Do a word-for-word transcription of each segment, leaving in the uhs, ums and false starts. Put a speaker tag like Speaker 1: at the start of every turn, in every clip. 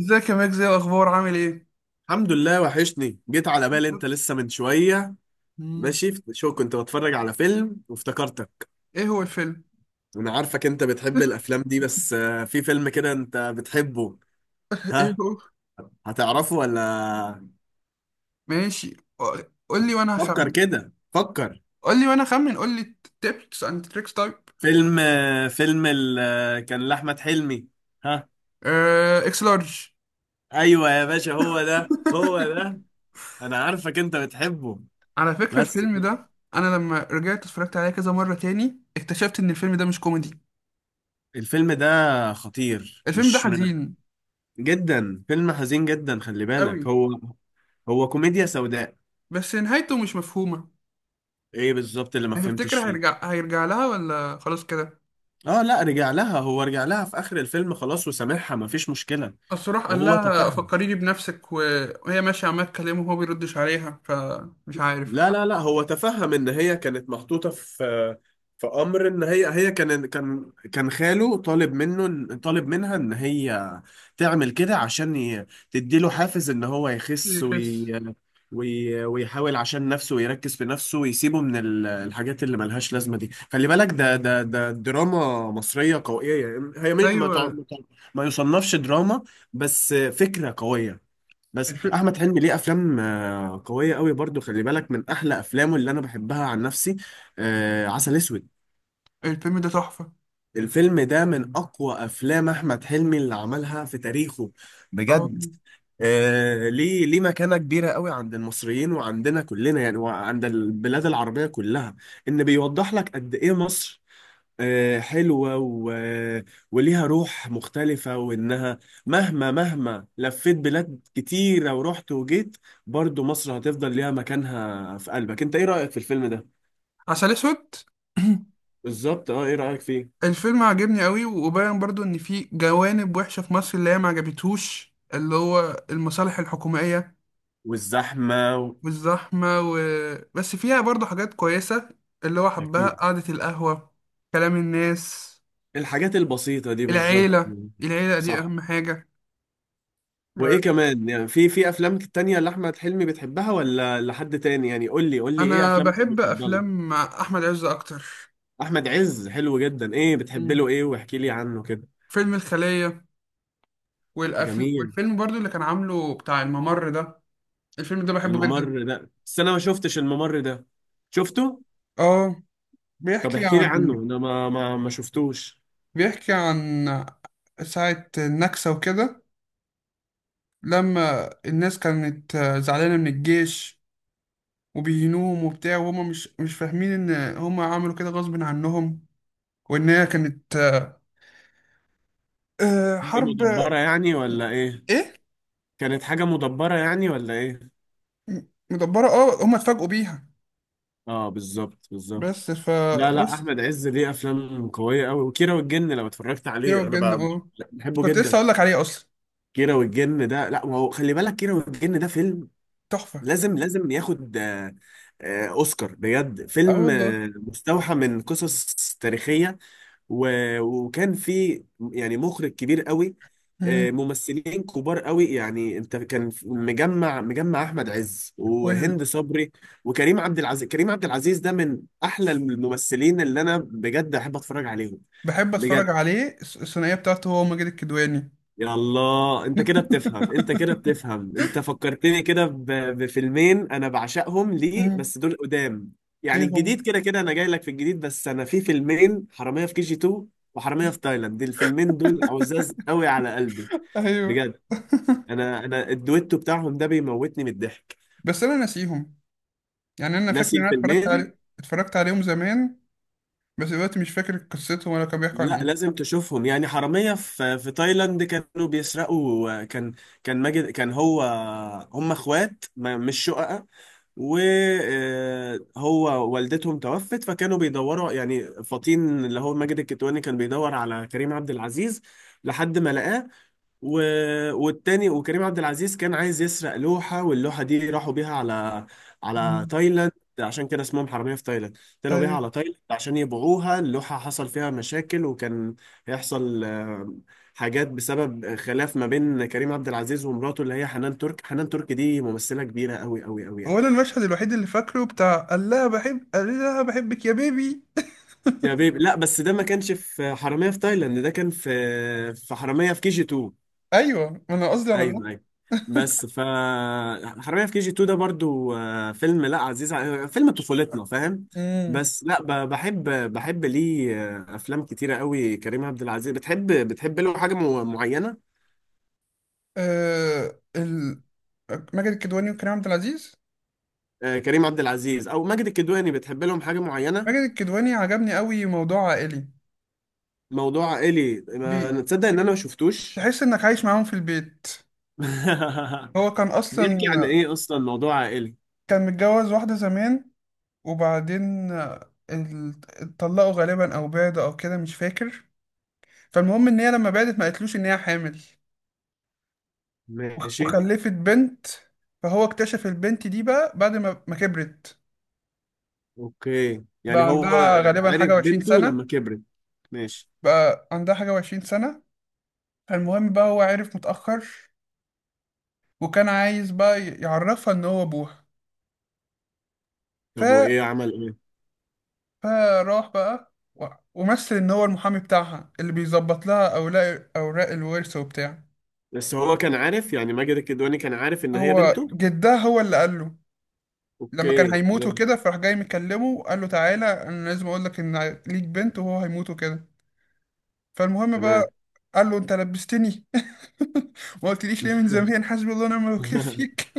Speaker 1: ازيك يا مجزي؟ الاخبار عامل ايه؟
Speaker 2: الحمد لله، وحشني. جيت على بالي انت لسه من شوية.
Speaker 1: مم.
Speaker 2: ماشي، شو كنت بتفرج على فيلم وافتكرتك.
Speaker 1: ايه هو الفيلم؟
Speaker 2: انا عارفك انت بتحب الافلام دي، بس آه، في فيلم كده انت بتحبه.
Speaker 1: ايه
Speaker 2: ها،
Speaker 1: هو؟
Speaker 2: هتعرفه ولا؟
Speaker 1: ماشي. قول لي وانا
Speaker 2: فكر
Speaker 1: هخمن.
Speaker 2: كده، فكر.
Speaker 1: قول لي وانا هخمن قول لي. تيبس اند تريكس تايب.
Speaker 2: فيلم آه، فيلم ال... آه، كان لأحمد حلمي. ها؟
Speaker 1: آه، اكس لارج.
Speaker 2: ايوه يا باشا، هو ده هو ده. انا عارفك انت بتحبه،
Speaker 1: على فكرة
Speaker 2: بس
Speaker 1: الفيلم ده، انا لما رجعت اتفرجت عليه كذا مرة تاني اكتشفت ان الفيلم ده مش كوميدي.
Speaker 2: الفيلم ده خطير،
Speaker 1: الفيلم ده
Speaker 2: مش م-
Speaker 1: حزين
Speaker 2: جدا. فيلم حزين جدا، خلي
Speaker 1: قوي.
Speaker 2: بالك. هو هو كوميديا سوداء.
Speaker 1: بس نهايته مش مفهومة.
Speaker 2: ايه بالظبط اللي ما فهمتش
Speaker 1: هتفتكر
Speaker 2: فيه؟
Speaker 1: هيرجع هيرجع لها ولا خلاص كده؟
Speaker 2: اه لا، رجع لها، هو رجع لها في اخر الفيلم، خلاص وسامحها، ما فيش مشكلة.
Speaker 1: بس راح قال
Speaker 2: وهو
Speaker 1: لها
Speaker 2: تفهم.
Speaker 1: فكريني بنفسك و- وهي ماشية عمالة تكلمه وهو بيردش عليها، فمش عارف.
Speaker 2: لا لا لا، هو تفهم ان هي كانت محطوطه في، في امر، ان هي هي كان كان كان خاله طالب منه، طالب منها ان هي تعمل كده عشان ي- تديله حافز ان هو يخس
Speaker 1: يخس.
Speaker 2: وي وي ويحاول عشان نفسه، ويركز في نفسه، ويسيبه من ال- الحاجات اللي ملهاش لازمه دي. خلي بالك، ده ده ده دراما مصريه قويه، يعني هي ما ما تع-
Speaker 1: أيوة.
Speaker 2: ما تع- ما يصنفش دراما، بس فكره قويه. بس
Speaker 1: الف-
Speaker 2: احمد حلمي ليه افلام آه، قويه قوي برضو. خلي بالك، من احلى افلامه اللي انا بحبها عن نفسي آه، عسل اسود.
Speaker 1: الفيلم ده تحفة.
Speaker 2: الفيلم ده من اقوى افلام احمد حلمي اللي عملها في تاريخه،
Speaker 1: اه،
Speaker 2: بجد. آه، ليه ليه مكانة كبيرة قوي عند المصريين، وعندنا كلنا يعني، وعند البلاد العربية كلها. إن بيوضح لك قد إيه مصر آه، حلوة و... وليها روح مختلفة، وإنها مهما مهما لفيت بلاد كتيرة ورحت وجيت، برضو مصر هتفضل ليها مكانها في قلبك. أنت إيه رأيك في الفيلم ده؟
Speaker 1: عسل أسود.
Speaker 2: بالظبط. أه، إيه رأيك فيه؟
Speaker 1: الفيلم عجبني قوي، وباين برضو إن في جوانب وحشة في مصر اللي هي ما عجبتهوش، اللي هو المصالح الحكومية
Speaker 2: والزحمة و...
Speaker 1: والزحمة و... بس فيها برضو حاجات كويسة. اللي هو حبها،
Speaker 2: أكيد.
Speaker 1: قعدة القهوة، كلام الناس،
Speaker 2: الحاجات البسيطة دي بالظبط.
Speaker 1: العيلة. العيلة دي
Speaker 2: صح.
Speaker 1: أهم حاجة.
Speaker 2: وإيه كمان يعني؟ في في أفلام تانية لأحمد حلمي بتحبها ولا لحد تاني يعني؟ قول لي قول لي، إيه
Speaker 1: انا
Speaker 2: أفلامك
Speaker 1: بحب
Speaker 2: المفضلة؟
Speaker 1: افلام احمد عز اكتر.
Speaker 2: أحمد عز حلو جدا. إيه بتحب
Speaker 1: مم.
Speaker 2: له؟ إيه، واحكي لي عنه كده.
Speaker 1: فيلم الخلية. والأفل...
Speaker 2: جميل.
Speaker 1: والفيلم برضو اللي كان عامله بتاع الممر ده. الفيلم ده بحبه جدا.
Speaker 2: الممر ده، بس انا ما شفتش الممر ده. شفته؟
Speaker 1: اه.
Speaker 2: طب
Speaker 1: بيحكي
Speaker 2: احكي لي
Speaker 1: عن
Speaker 2: عنه، انا ما ما ما شفتوش.
Speaker 1: بيحكي عن ساعة النكسة وكده. لما الناس كانت زعلانة من الجيش، وبيهنوهم وبتاع، وهما مش مش فاهمين ان هما عملوا كده غصب عنهم، وان هي كانت آه،
Speaker 2: حاجه
Speaker 1: حرب.
Speaker 2: مدبره يعني ولا ايه؟
Speaker 1: ايه.
Speaker 2: كانت حاجه مدبره يعني ولا ايه؟
Speaker 1: مدبرة، اه هما اتفاجئوا بيها.
Speaker 2: اه، بالظبط بالظبط.
Speaker 1: بس ف
Speaker 2: لا لا،
Speaker 1: بس
Speaker 2: احمد عز ليه افلام قويه قوي، وكيرة والجن لو اتفرجت
Speaker 1: كيرة
Speaker 2: عليه انا
Speaker 1: والجن،
Speaker 2: ب-
Speaker 1: اه
Speaker 2: بحبه
Speaker 1: كنت لسه
Speaker 2: جدا.
Speaker 1: اقول لك عليه اصلا.
Speaker 2: كيرة والجن ده، لا، ما هو خلي بالك، كيرة والجن ده فيلم
Speaker 1: تحفه.
Speaker 2: لازم لازم ياخد آه، آه، اوسكار، بجد.
Speaker 1: اه
Speaker 2: فيلم
Speaker 1: والله.
Speaker 2: آه، مستوحى من قصص تاريخيه و... وكان في يعني مخرج كبير قوي، آه،
Speaker 1: مم.
Speaker 2: ممثلين كبار قوي. يعني انت، كان مجمع مجمع احمد عز
Speaker 1: وال...
Speaker 2: وهند صبري وكريم عبد العزيز. كريم عبد العزيز ده من احلى الممثلين اللي انا بجد احب اتفرج عليهم،
Speaker 1: بحب
Speaker 2: بجد.
Speaker 1: اتفرج عليه، الث- الثنائيه بتاعته هو ماجد الكدواني.
Speaker 2: يلا، انت كده بتفهم، انت كده بتفهم، انت فكرتني كده ب- بفيلمين انا بعشقهم ليه،
Speaker 1: مم.
Speaker 2: بس دول قدام.
Speaker 1: ايه
Speaker 2: يعني الجديد
Speaker 1: هم؟
Speaker 2: كده كده انا جاي لك في الجديد، بس انا في فيلمين: حرامية في كي جي تو وحرامية في تايلاند. الفيلمين دول عزاز قوي على قلبي،
Speaker 1: ايوه،
Speaker 2: بجد. انا انا الدويتو بتاعهم ده بيموتني من الضحك.
Speaker 1: بس انا ناسيهم. يعني انا فاكر
Speaker 2: ناسي
Speaker 1: ان انا اتفرجت
Speaker 2: الفيلمين؟
Speaker 1: عليه اتفرجت عليهم زمان. بس دلوقتي مش فاكر قصتهم ولا كانوا بيحكوا عن
Speaker 2: لا،
Speaker 1: ايه.
Speaker 2: لازم تشوفهم. يعني حرامية في في تايلاند كانوا بيسرقوا. كان كان ماجد، كان هو، هم اخوات ما- مش شقق. وهو والدتهم توفت، فكانوا بيدوروا، يعني فطين اللي هو ماجد الكتواني كان بيدور على كريم عبد العزيز لحد ما لقاه و... والتاني، وكريم عبد العزيز كان عايز يسرق لوحة، واللوحة دي راحوا بيها على على
Speaker 1: مم.
Speaker 2: تايلاند. عشان كده اسمهم حرامية في تايلاند، طلعوا بيها
Speaker 1: ايوه.
Speaker 2: على تايلاند عشان يبيعوها. اللوحة حصل فيها مشاكل، وكان هيحصل آه، حاجات بسبب خلاف ما بين كريم عبد العزيز ومراته اللي هي حنان ترك. حنان ترك دي ممثلة كبيرة قوي قوي قوي يعني.
Speaker 1: هو انا المشهد الوحيد اللي فاكره بتاع قال لها بحب قال لها بحبك يا بيبي.
Speaker 2: يا بيبي، لا، بس ده ما كانش في حرامية في تايلاند، ده كان في في حرامية في كي جي تو.
Speaker 1: ايوه، انا قصدي على ده.
Speaker 2: ايوه ايوه، بس ف حرامية في كي جي تو ده برضو آه، فيلم، لا، عزيز، ع- فيلم طفولتنا، فاهم.
Speaker 1: مم.
Speaker 2: بس لا ب- بحب بحب ليه آه، افلام كتيرة قوي. كريم عبد العزيز بتحب بتحب له حاجة مو- معينة؟
Speaker 1: آه ال... ماجد الكدواني وكريم عبد العزيز.
Speaker 2: آه، كريم عبد العزيز او ماجد الكدواني، بتحب لهم حاجة معينة؟
Speaker 1: ماجد الكدواني عجبني قوي، موضوع عائلي.
Speaker 2: موضوع عائلي،
Speaker 1: بي...
Speaker 2: ما تصدق ان انا ما شفتوش.
Speaker 1: تحس انك عايش معاهم في البيت. هو كان
Speaker 2: بيحكي عن
Speaker 1: اصلا
Speaker 2: ايه اصلا موضوع عائلي؟
Speaker 1: كان متجوز واحدة زمان، وبعدين آه، ال- اتطلقوا غالبا او بعدوا او كده مش فاكر. فالمهم ان هي لما بعدت ما قالتلوش ان هي حامل، وخ-
Speaker 2: ماشي.
Speaker 1: وخلفت بنت. فهو اكتشف البنت دي بقى بعد ما ما كبرت.
Speaker 2: اوكي، يعني
Speaker 1: بقى
Speaker 2: هو
Speaker 1: عندها غالبا
Speaker 2: عرف
Speaker 1: حاجة وعشرين
Speaker 2: بنته لما
Speaker 1: سنة.
Speaker 2: كبرت. ماشي.
Speaker 1: بقى عندها حاجة وعشرين سنة. فالمهم بقى، هو عرف متأخر، وكان عايز بقى يعرفها إن هو أبوها. ف...
Speaker 2: طب وايه، عمل ايه؟
Speaker 1: فراح بقى و- ومثل إن هو المحامي بتاعها اللي بيظبط لها أوراق أوراق الورث وبتاع.
Speaker 2: بس هو كان عارف، يعني ماجد الكدواني كان عارف ان هي
Speaker 1: هو
Speaker 2: بنته؟
Speaker 1: جدها هو اللي قال له، لما كان
Speaker 2: اوكي.
Speaker 1: هيموت وكده، فراح جاي مكلمه وقال له تعالى أنا لازم أقول لك إن ليك بنت، وهو هيموت وكده. فالمهم
Speaker 2: تمام تمام.
Speaker 1: بقى قال له أنت لبستني، ما قلتليش ليه من زمان، حسبي الله ونعم الوكيل فيك.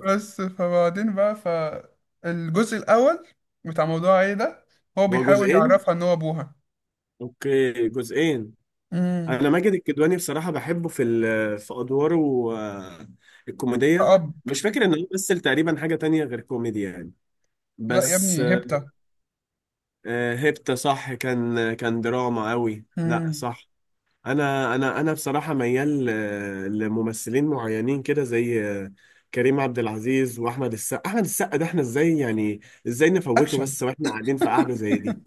Speaker 1: بس فبعدين بقى، فالجزء الأول بتاع موضوع ايه ده، هو
Speaker 2: هو
Speaker 1: بيحاول
Speaker 2: جزئين.
Speaker 1: يعرفها إن هو أبوها.
Speaker 2: اوكي، جزئين.
Speaker 1: امم.
Speaker 2: انا ماجد الكدواني بصراحة بحبه في ال- في ادواره آه، الكوميدية.
Speaker 1: أب.
Speaker 2: مش فاكر ان هو مثل تقريبا حاجة تانية غير كوميدي يعني.
Speaker 1: لا يا
Speaker 2: بس
Speaker 1: ابني، هبتة.
Speaker 2: آه، هيبتا، صح، كان كان دراما قوي، لا
Speaker 1: امم.
Speaker 2: صح. انا انا انا بصراحه ميال آه، لممثلين معينين كده، زي آه، كريم عبد العزيز واحمد السقا. احمد السقا ده احنا ازاي يعني، ازاي نفوته
Speaker 1: أكشن.
Speaker 2: بس واحنا قاعدين في قعده زي دي؟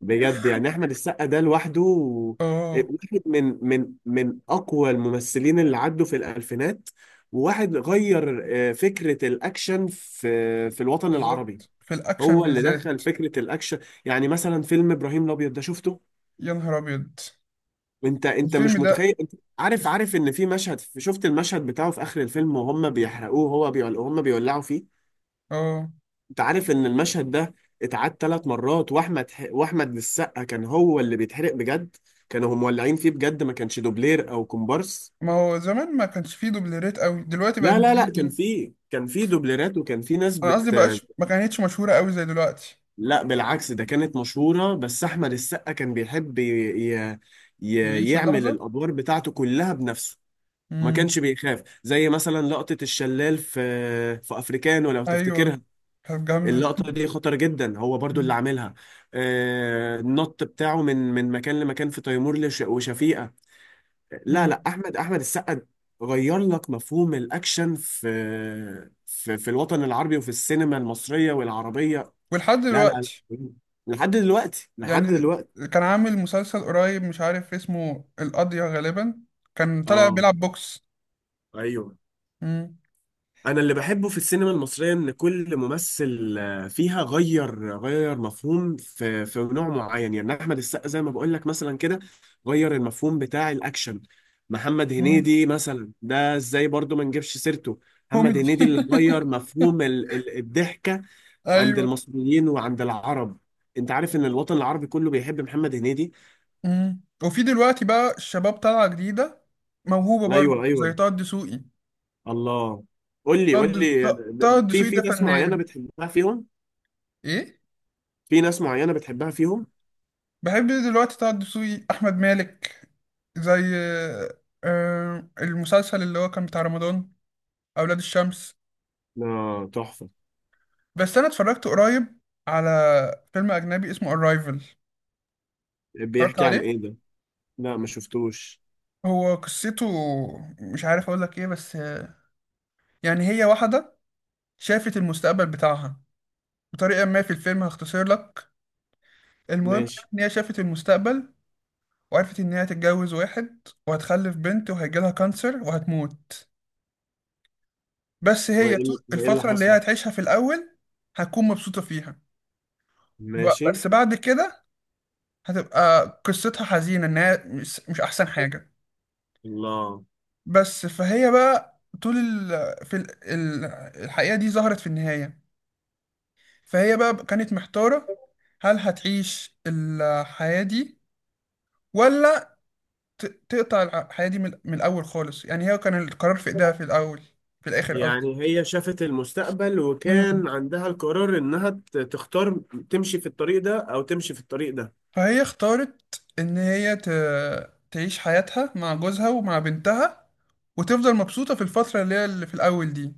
Speaker 2: بجد يعني، احمد السقا ده لوحده آه،
Speaker 1: اه
Speaker 2: واحد من من من اقوى الممثلين اللي عدوا في الالفينات، وواحد غير آه، فكره الاكشن في في الوطن العربي.
Speaker 1: بالظبط، في الأكشن
Speaker 2: هو اللي دخل
Speaker 1: بالذات.
Speaker 2: فكره الاكشن. يعني مثلا فيلم ابراهيم الابيض ده شفته؟
Speaker 1: يا نهار أبيض،
Speaker 2: انت انت
Speaker 1: الفيلم
Speaker 2: مش
Speaker 1: ده.
Speaker 2: متخيل، انت عارف عارف ان في مشهد، شفت المشهد بتاعه في اخر الفيلم وهم بيحرقوه، هو بيول... وهم بيولعوا فيه.
Speaker 1: اه.
Speaker 2: انت عارف ان المشهد ده اتعاد ثلاث مرات، واحمد ح... واحمد السقا كان هو اللي بيتحرق بجد. كانوا هم مولعين فيه بجد، ما كانش دوبلير او كومبارس.
Speaker 1: ما هو زمان ما كانش فيه دوبليرات قوي، دلوقتي بقى
Speaker 2: لا لا لا، كان
Speaker 1: بيجي-
Speaker 2: في كان في دوبليرات، وكان في ناس
Speaker 1: أنا قصدي
Speaker 2: بت
Speaker 1: بقاش ما كانتش مشهورة قوي زي دلوقتي.
Speaker 2: لا بالعكس، ده كانت مشهورة. بس احمد السقا كان بيحب ي... ي... ي...
Speaker 1: يعيش
Speaker 2: يعمل
Speaker 1: اللحظة.
Speaker 2: الادوار بتاعته كلها بنفسه. ما كانش
Speaker 1: امم.
Speaker 2: بيخاف، زي مثلا لقطة الشلال في في افريكانو، لو
Speaker 1: أيوه.
Speaker 2: تفتكرها.
Speaker 1: كانت جامدة.
Speaker 2: اللقطة دي خطر جدا، هو برضو اللي
Speaker 1: مم.
Speaker 2: عاملها. آه، النط بتاعه من من مكان لمكان، في تيمور لش- وشفيقة. لا
Speaker 1: مم.
Speaker 2: لا، احمد احمد السقا غير لك مفهوم الاكشن في في في الوطن العربي، وفي السينما المصرية والعربية.
Speaker 1: ولحد
Speaker 2: لا لا
Speaker 1: دلوقتي.
Speaker 2: لا. لحد دلوقتي لحد
Speaker 1: يعني
Speaker 2: دلوقتي.
Speaker 1: كان عامل مسلسل قريب مش عارف اسمه، القضية غالبا، كان طالع
Speaker 2: اه،
Speaker 1: بيلعب بوكس.
Speaker 2: ايوه.
Speaker 1: مم.
Speaker 2: انا اللي بحبه في السينما المصريه ان كل ممثل آه، فيها غير غير مفهوم في في نوع معين. يعني احمد السقا زي ما بقول لك مثلا كده، غير المفهوم بتاع الاكشن. محمد
Speaker 1: مم.
Speaker 2: هنيدي مثلا، ده ازاي برضو ما نجيبش سيرته؟ محمد
Speaker 1: كوميدي.
Speaker 2: هنيدي اللي غير مفهوم ال- ال- الضحكه عند
Speaker 1: ايوه.
Speaker 2: المصريين وعند العرب. انت عارف ان الوطن العربي كله بيحب محمد هنيدي؟
Speaker 1: مم. وفي دلوقتي بقى الشباب طالعة جديدة موهوبة برضو
Speaker 2: ايوه
Speaker 1: زي
Speaker 2: ايوه.
Speaker 1: طه الدسوقي.
Speaker 2: الله. قول لي
Speaker 1: طه
Speaker 2: قول
Speaker 1: الد-
Speaker 2: لي، آه،
Speaker 1: ط- طه
Speaker 2: في
Speaker 1: الدسوقي
Speaker 2: في
Speaker 1: ده
Speaker 2: ناس معينه
Speaker 1: فنان.
Speaker 2: بتحبها فيهم؟
Speaker 1: ايه.
Speaker 2: في ناس معينه بتحبها فيهم.
Speaker 1: بحب دلوقتي طه الدسوقي، احمد مالك، زي آه، المسلسل اللي هو كان بتاع رمضان، أولاد الشمس.
Speaker 2: لا، تحفة.
Speaker 1: بس أنا اتفرجت قريب على فيلم أجنبي اسمه Arrival. اتفرجت
Speaker 2: بيحكي عن ايه
Speaker 1: عليه.
Speaker 2: ده؟ لا، ما شفتوش.
Speaker 1: هو قصته مش عارف اقول لك ايه، بس آه، يعني هي واحدة شافت المستقبل بتاعها بطريقة ما في الفيلم، هختصر لك. المهم
Speaker 2: ماشي.
Speaker 1: ان هي شافت المستقبل، وعرفت ان هي هتتجوز واحد، وهتخلف بنت، وهيجيلها كانسر وهتموت. بس هي طول
Speaker 2: وايه وايه اللي
Speaker 1: الفترة اللي
Speaker 2: حصل؟
Speaker 1: هي هتعيشها في الاول هتكون مبسوطة فيها. ب-
Speaker 2: ماشي.
Speaker 1: بس بعد كده هتبقى قصتها حزينة، انها مش مش احسن حاجة.
Speaker 2: الله.
Speaker 1: بس فهي بقى طول ال... في ال... ال- الحقيقة دي ظهرت في النهاية. فهي بقى كانت محتارة، هل هتعيش الحياة دي، ولا ت- تقطع الع- الحياة دي من من الأول خالص. يعني هي كان القرار في إيدها في الأول، في الآخر قصدي.
Speaker 2: يعني هي شافت المستقبل،
Speaker 1: مم.
Speaker 2: وكان عندها القرار انها ت- تختار تمشي في الطريق ده او تمشي في الطريق ده.
Speaker 1: فهي اختارت إن هي ت... تعيش حياتها مع جوزها ومع بنتها، وتفضل مبسوطة في الفترة اللي هي اللي في الأول دي،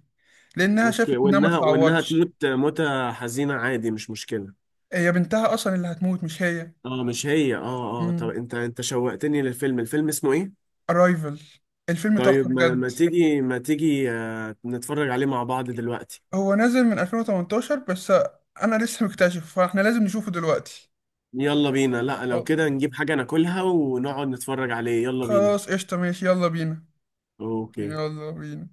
Speaker 1: لأنها
Speaker 2: اوكي،
Speaker 1: شافت إنها ما
Speaker 2: وانها وانها
Speaker 1: تتعوضش.
Speaker 2: تموت موتة حزينة، عادي مش مشكلة.
Speaker 1: هي بنتها أصلا اللي هتموت، مش هي.
Speaker 2: اه، مش هي، اه اه. طب
Speaker 1: مم.
Speaker 2: انت انت شوقتني للفيلم، الفيلم اسمه ايه؟
Speaker 1: Arrival. الفيلم
Speaker 2: طيب،
Speaker 1: تحفة
Speaker 2: ما, ما
Speaker 1: بجد.
Speaker 2: تيجي ما تيجي آه، نتفرج عليه مع بعض دلوقتي؟
Speaker 1: هو نازل من ألفين وتمنتاشر بس. انا لسه مكتشف، فاحنا لازم نشوفه دلوقتي.
Speaker 2: يلا بينا. لا، لو كده نجيب حاجة ناكلها ونقعد نتفرج عليه، يلا بينا.
Speaker 1: خلاص قشطة، ماشي، يلا بينا.
Speaker 2: اوكي.
Speaker 1: يلا بينا.